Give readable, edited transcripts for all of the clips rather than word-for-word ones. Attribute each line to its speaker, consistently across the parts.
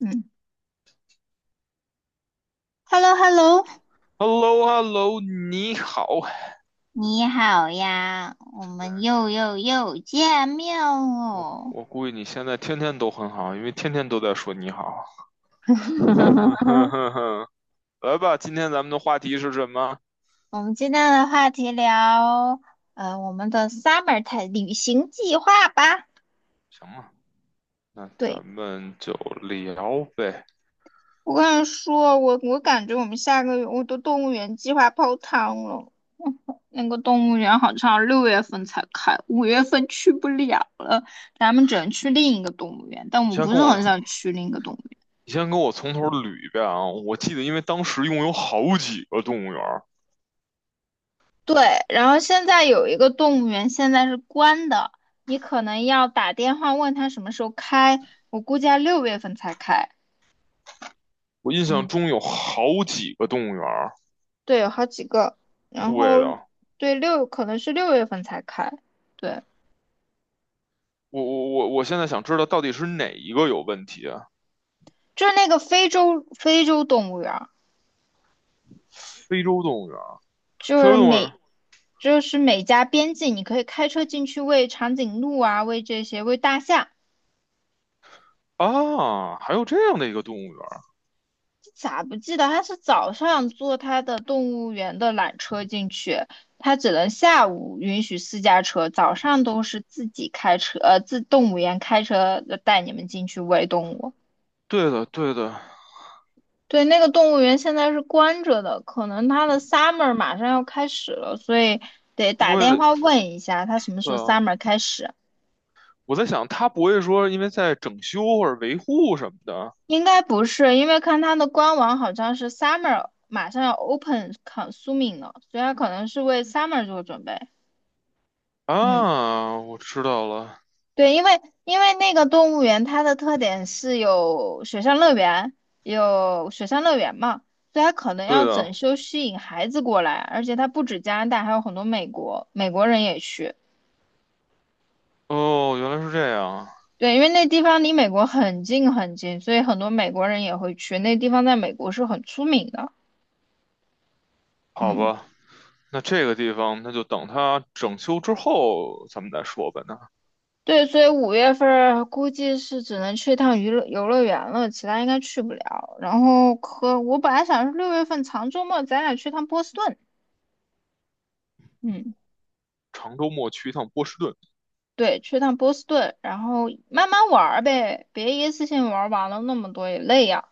Speaker 1: 嗯，Hello Hello，
Speaker 2: h e l l o h e l l o 你好。
Speaker 1: 你好呀，我们又见面
Speaker 2: 我
Speaker 1: 喽。
Speaker 2: 我估计你现在天天都很好，因为天天都在说你好。哼哼 哼哼，来吧，今天咱们的话题是什么？
Speaker 1: 我们今天的话题聊，我们的 summer time 旅行计划吧。
Speaker 2: 行了，那
Speaker 1: 对，
Speaker 2: 咱们就聊呗。
Speaker 1: 我跟你说，我感觉我们下个月我的动物园计划泡汤了。那个动物园好像六月份才开，五月份去不了了，咱们只能去另一个动物园。但
Speaker 2: 你
Speaker 1: 我
Speaker 2: 先
Speaker 1: 不是
Speaker 2: 跟我，
Speaker 1: 很想去另一个动物园。
Speaker 2: 你先跟我从头捋一遍啊。我记得，因为当时一共有好几个动物园，
Speaker 1: 对，然后现在有一个动物园，现在是关的，你可能要打电话问他什么时候开，我估计要六月份才开。
Speaker 2: 我印象
Speaker 1: 嗯，
Speaker 2: 中有好几个动物园。
Speaker 1: 对，有好几个，然后
Speaker 2: 对的，
Speaker 1: 对六可能是六月份才开，对，
Speaker 2: 我现在想知道到底是哪一个有问题啊？
Speaker 1: 就是那个非洲动物园儿
Speaker 2: 非洲动物园，
Speaker 1: 就
Speaker 2: 非洲
Speaker 1: 是
Speaker 2: 动物园。
Speaker 1: 每就是每家边境，你可以开车进去喂长颈鹿啊，喂这些喂大象，
Speaker 2: 啊，还有这样的一个动物园。
Speaker 1: 咋不记得？他是早上坐他的动物园的缆车进去，他只能下午允许私家车，早上都是自己开车，自动物园开车带你们进去喂动物。
Speaker 2: 对的，对的。
Speaker 1: 对，那个动物园现在是关着的，可能他的 summer 马上要开始了，所以得
Speaker 2: 他不
Speaker 1: 打电
Speaker 2: 会，
Speaker 1: 话问一下他什么时
Speaker 2: 对
Speaker 1: 候
Speaker 2: 啊，
Speaker 1: summer 开始。
Speaker 2: 我在想他不会说因为在整修或者维护什么的。
Speaker 1: 应该不是，因为看他的官网好像是 summer 马上要 open consuming 了，所以他可能是为 summer 做准备。嗯。
Speaker 2: 啊，我知道了，
Speaker 1: 对，因为那个动物园它的特点是有水上乐园，有水上乐园嘛，所以它可能要
Speaker 2: 对
Speaker 1: 整
Speaker 2: 的。
Speaker 1: 修吸引孩子过来，而且它不止加拿大，还有很多美国人也去。
Speaker 2: 哦，原来是这样。
Speaker 1: 对，因为那地方离美国很近，所以很多美国人也会去。那地方在美国是很出名的，
Speaker 2: 好
Speaker 1: 嗯，
Speaker 2: 吧，那这个地方那就等他整修之后咱们再说吧。那
Speaker 1: 对，所以五月份儿估计是只能去一趟娱乐游乐园了，其他应该去不了。然后可我本来想是六月份长周末咱俩去趟波士顿，嗯。
Speaker 2: 长周末去一趟波士顿，
Speaker 1: 对，去趟波士顿，然后慢慢玩儿呗，别一次性玩儿完了那么多也累呀。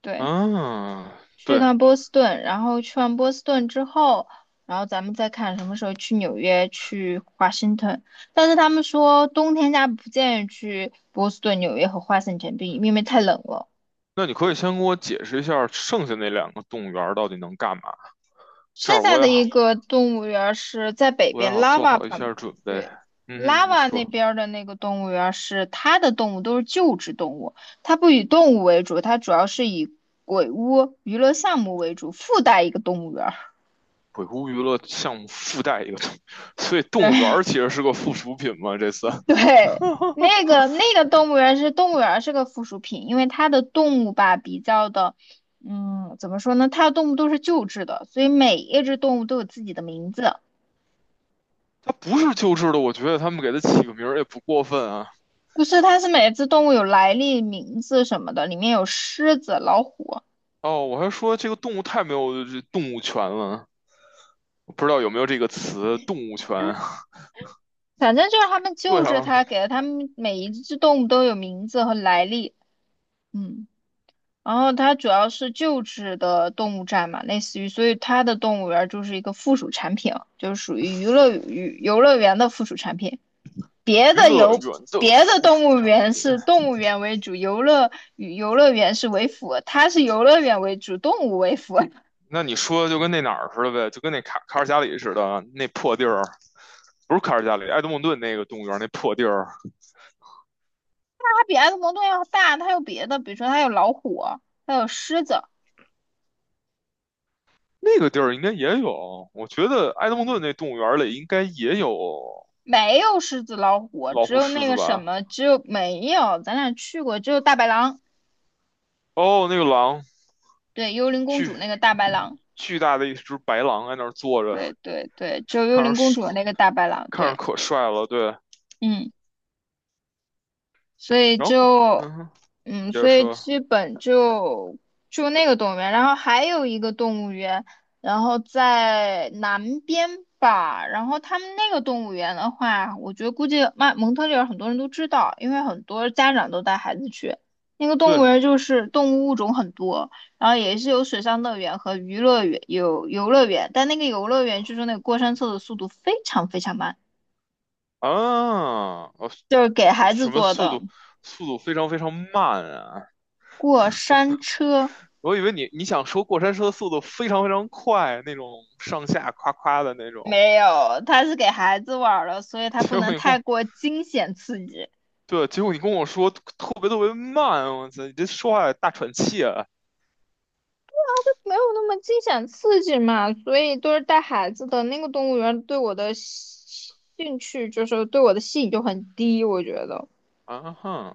Speaker 1: 对，
Speaker 2: 啊，
Speaker 1: 去
Speaker 2: 对。
Speaker 1: 趟波士顿，然后去完波士顿之后，然后咱们再看什么时候去纽约、去华盛顿。但是他们说冬天家不建议去波士顿、纽约和华盛顿比因为太冷了。
Speaker 2: 那你可以先给我解释一下剩下那两个动物园到底能干嘛，这
Speaker 1: 剩
Speaker 2: 样
Speaker 1: 下
Speaker 2: 我也
Speaker 1: 的
Speaker 2: 好，
Speaker 1: 一个动物园儿是在北
Speaker 2: 我也
Speaker 1: 边
Speaker 2: 好做
Speaker 1: ，Lava
Speaker 2: 好一
Speaker 1: 旁，
Speaker 2: 下准备。
Speaker 1: 对
Speaker 2: 嗯哼，你
Speaker 1: ，Lava 那
Speaker 2: 说。
Speaker 1: 边儿的那个动物园儿是它的动物都是救治动物，它不以动物为主，它主要是以鬼屋娱乐项目为主，附带一个动物园儿
Speaker 2: 鬼谷娱乐项目附带一个，所以动物园
Speaker 1: 对
Speaker 2: 其实是个附属品嘛。这次
Speaker 1: 对，那个动物园是动物园儿是个附属品，因为它的动物吧比较的，嗯，怎么说呢？它的动物都是救治的，所以每一只动物都有自己的名字。
Speaker 2: 它不是救治的，我觉得他们给它起个名儿也不过分啊。
Speaker 1: 不是，它是每只动物有来历、名字什么的，里面有狮子、老虎，
Speaker 2: 哦，我还说这个动物太没有动物权了，我不知道有没有这个词"动物权"。
Speaker 1: 反正就是他们
Speaker 2: 对
Speaker 1: 救治
Speaker 2: 啊，
Speaker 1: 它，给了它们每一只动物都有名字和来历。嗯，然后它主要是救治的动物站嘛，类似于，所以它的动物园就是一个附属产品，就是属于娱乐娱游乐园的附属产品。别
Speaker 2: 娱
Speaker 1: 的
Speaker 2: 乐
Speaker 1: 游
Speaker 2: 园的
Speaker 1: 别的
Speaker 2: 附
Speaker 1: 动
Speaker 2: 属
Speaker 1: 物
Speaker 2: 产
Speaker 1: 园
Speaker 2: 品。
Speaker 1: 是动物园为主，游乐与游乐园是为辅，它是游乐园为主，动物为辅。
Speaker 2: 那你说就跟那哪儿似的呗，就跟那卡尔加里似的，那破地儿，不是卡尔加里，埃德蒙顿那个动物园那破地儿，
Speaker 1: 比埃德蒙顿要大，它有别的，比如说它有老虎，它有狮子，
Speaker 2: 那个地儿应该也有。我觉得埃德蒙顿那动物园里应该也有
Speaker 1: 没有狮子、老虎，
Speaker 2: 老
Speaker 1: 只
Speaker 2: 虎、
Speaker 1: 有
Speaker 2: 狮
Speaker 1: 那
Speaker 2: 子
Speaker 1: 个什
Speaker 2: 吧。
Speaker 1: 么，只有没有，咱俩去过，只有大白狼，
Speaker 2: 哦，那个狼，
Speaker 1: 对，幽灵公
Speaker 2: 巨
Speaker 1: 主那个大白狼，
Speaker 2: 巨大的一只白狼在那儿坐着，
Speaker 1: 对对对，只有幽
Speaker 2: 看
Speaker 1: 灵
Speaker 2: 着
Speaker 1: 公主的
Speaker 2: 可
Speaker 1: 那个大白狼，
Speaker 2: 看着
Speaker 1: 对，
Speaker 2: 可帅了。对，
Speaker 1: 嗯。所以
Speaker 2: 然后
Speaker 1: 就，
Speaker 2: 嗯哼，你
Speaker 1: 嗯，
Speaker 2: 接着
Speaker 1: 所以
Speaker 2: 说。
Speaker 1: 基本就就那个动物园，然后还有一个动物园，然后在南边吧，然后他们那个动物园的话，我觉得估计曼蒙特利尔很多人都知道，因为很多家长都带孩子去。那个动物
Speaker 2: 对
Speaker 1: 园就是动物物种很多，然后也是有水上乐园和娱乐园，有游乐园，但那个游乐园就是那个过山车的速度非常慢，
Speaker 2: 啊，哦，
Speaker 1: 就是给
Speaker 2: 这
Speaker 1: 孩子
Speaker 2: 什么
Speaker 1: 坐
Speaker 2: 速
Speaker 1: 的
Speaker 2: 度？速度非常非常慢啊！
Speaker 1: 过山车。
Speaker 2: 我以为你想说过山车速度非常非常快那种上下夸夸的那种，
Speaker 1: 没有，它是给孩子玩儿的，所以它
Speaker 2: 结
Speaker 1: 不
Speaker 2: 果
Speaker 1: 能
Speaker 2: 你跟
Speaker 1: 太
Speaker 2: 我
Speaker 1: 过惊险刺激。
Speaker 2: 对，结果你跟我说特别特别慢，我操，你这说话大喘气啊！
Speaker 1: 没有那么惊险刺激嘛，所以都是带孩子的那个动物园对我的兴兴趣就是对我的吸引就很低，我觉得。
Speaker 2: 啊哈，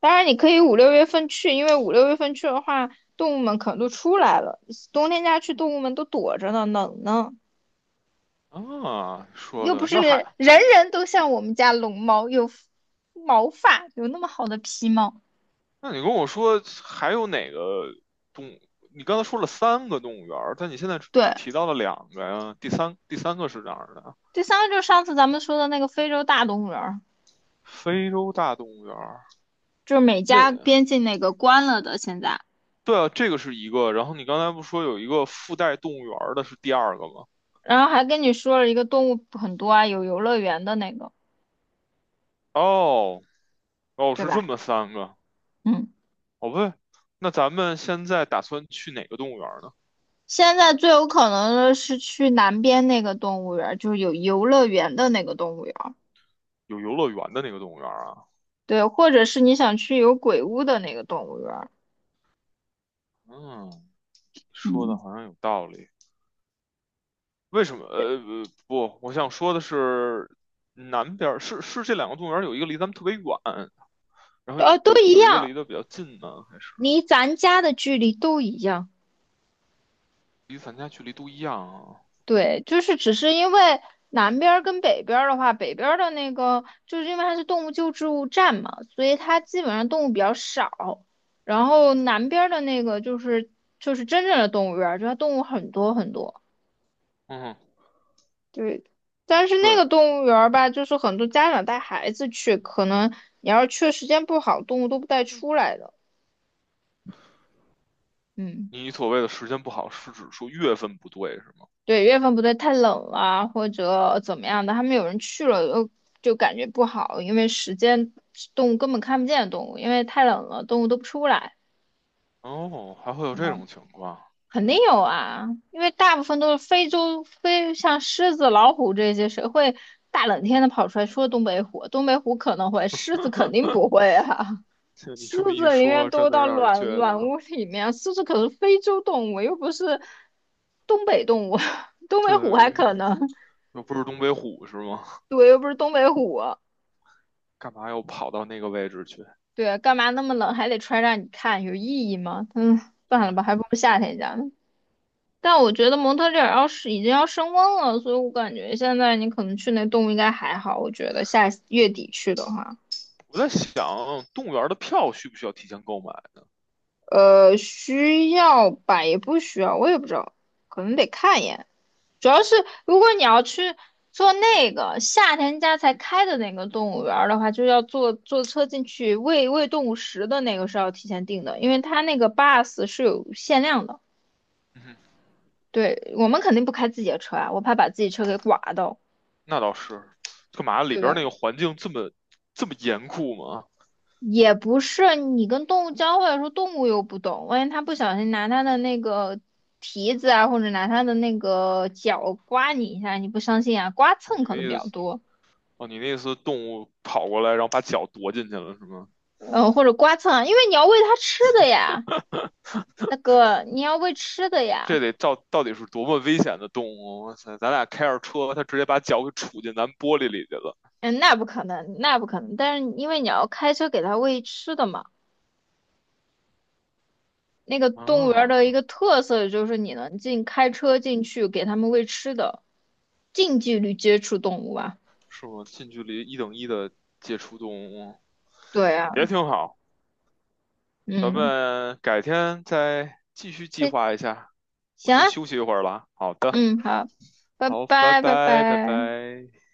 Speaker 1: 当然你可以五六月份去，因为五六月份去的话，动物们可能都出来了，冬天家去动物们都躲着呢，冷呢，
Speaker 2: 啊，说
Speaker 1: 又不
Speaker 2: 的
Speaker 1: 是
Speaker 2: 那
Speaker 1: 人
Speaker 2: 还，
Speaker 1: 人都像我们家龙猫有毛发，有那么好的皮毛。
Speaker 2: 那你跟我说还有哪个动？你刚才说了三个动物园儿，但你现在只
Speaker 1: 对，
Speaker 2: 只提到了两个呀。第三个是哪儿的？
Speaker 1: 第三个就是上次咱们说的那个非洲大动物园儿，
Speaker 2: 非洲大动物园儿。
Speaker 1: 就是美加
Speaker 2: 那
Speaker 1: 边境那个关了的，现在，
Speaker 2: 对啊，这个是一个。然后你刚才不说有一个附带动物园儿的是第二个吗？
Speaker 1: 然后还跟你说了一个动物很多啊，有游乐园的那个，
Speaker 2: 哦哦，
Speaker 1: 对
Speaker 2: 是这
Speaker 1: 吧？
Speaker 2: 么三个。
Speaker 1: 嗯，
Speaker 2: 哦不对，那咱们现在打算去哪个动物园儿呢？
Speaker 1: 现在最有可能的是去南边那个动物园儿，就是有游乐园的那个动物园儿，
Speaker 2: 有游乐园的那个动物园儿啊？
Speaker 1: 对，或者是你想去有鬼屋的那个动物园儿，
Speaker 2: 嗯，说的
Speaker 1: 嗯，
Speaker 2: 好像有道理。为什么？呃，呃不，我想说的是，南边儿是这两个动物园儿有一个离咱们特别远，然后有
Speaker 1: 都
Speaker 2: 有
Speaker 1: 一
Speaker 2: 有一个
Speaker 1: 样，
Speaker 2: 离得比较近呢，还是
Speaker 1: 离咱家的距离都一样。
Speaker 2: 离咱家距离都一样啊？
Speaker 1: 对，就是只是因为南边儿跟北边儿的话，北边儿的那个就是因为它是动物救助站嘛，所以它基本上动物比较少。然后南边儿的那个就是就是真正的动物园儿，就它动物很多。
Speaker 2: 嗯，
Speaker 1: 对，但是那
Speaker 2: 对，
Speaker 1: 个动物园儿吧，就是很多家长带孩子去，可能你要是去的时间不好，动物都不带出来的。嗯。
Speaker 2: 你所谓的时间不好是指说月份不对是吗？
Speaker 1: 对，月份不对，太冷了或者怎么样的，他们有人去了就感觉不好，因为时间动物根本看不见动物，因为太冷了，动物都不出来。
Speaker 2: 哦，还会有这
Speaker 1: 嗯，
Speaker 2: 种情况，
Speaker 1: 肯定有啊，因为大部分都是非洲非像狮子、老虎这些，谁会大冷天的跑出来？除了东北虎，东北虎可能会，狮子肯定不会啊。
Speaker 2: 这你
Speaker 1: 狮
Speaker 2: 这么一
Speaker 1: 子宁
Speaker 2: 说，
Speaker 1: 愿多
Speaker 2: 真的
Speaker 1: 到
Speaker 2: 让人
Speaker 1: 暖
Speaker 2: 觉
Speaker 1: 暖
Speaker 2: 得，
Speaker 1: 屋里面，狮子可是非洲动物，又不是东北动物，东北虎还
Speaker 2: 对，
Speaker 1: 可能。
Speaker 2: 又不是东北虎是吗？
Speaker 1: 对，又不是东北虎，
Speaker 2: 干嘛要跑到那个位置去？
Speaker 1: 对，干嘛那么冷还得穿让你看，有意义吗？嗯，算
Speaker 2: 对，
Speaker 1: 了吧，还不如夏天家呢。但我觉得蒙特利尔要是已经要升温了，所以我感觉现在你可能去那动物应该还好。我觉得下月底去的话。
Speaker 2: 我在想，动物园儿的票需不需要提前购买？
Speaker 1: 需要吧，也不需要，我也不知道，可能得看一眼。主要是如果你要去做那个夏天家才开的那个动物园儿的话，就要坐车进去喂动物食的那个是要提前订的，因为它那个 bus 是有限量的。
Speaker 2: 嗯哼，
Speaker 1: 对，我们肯定不开自己的车啊，我怕把自己车给刮到，
Speaker 2: 那倒是，干嘛里
Speaker 1: 对
Speaker 2: 边儿
Speaker 1: 吧？
Speaker 2: 那个环境这么严酷吗？
Speaker 1: 也不是你跟动物交换的时候，动物又不懂，万一它不小心拿它的那个蹄子啊，或者拿它的那个脚刮你一下，你不相信啊？刮
Speaker 2: 哦，
Speaker 1: 蹭
Speaker 2: 你那
Speaker 1: 可能比
Speaker 2: 意
Speaker 1: 较
Speaker 2: 思，
Speaker 1: 多，
Speaker 2: 哦，你那意思，动物跑过来，然后把脚夺进去了是吗？
Speaker 1: 或者刮蹭啊，因为你要喂它吃的呀，大哥，你要喂吃的
Speaker 2: 这
Speaker 1: 呀，
Speaker 2: 得到底是多么危险的动物？哇塞，咱俩开着车，它直接把脚给杵进咱玻璃里去了。
Speaker 1: 嗯，那不可能，那不可能，但是因为你要开车给它喂吃的嘛，那个动物园儿
Speaker 2: 啊，
Speaker 1: 的一个特色就是你能开车进去给它们喂吃的，近距离接触动物啊，
Speaker 2: 是吗？近距离一等一的接触动物，
Speaker 1: 对啊，
Speaker 2: 也挺好。咱
Speaker 1: 嗯。
Speaker 2: 们改天再继续计
Speaker 1: 对，
Speaker 2: 划一下。我
Speaker 1: 行啊，
Speaker 2: 先休息一会儿了啊。好的，
Speaker 1: 嗯，好，拜
Speaker 2: 好，拜
Speaker 1: 拜，拜
Speaker 2: 拜，拜
Speaker 1: 拜。
Speaker 2: 拜。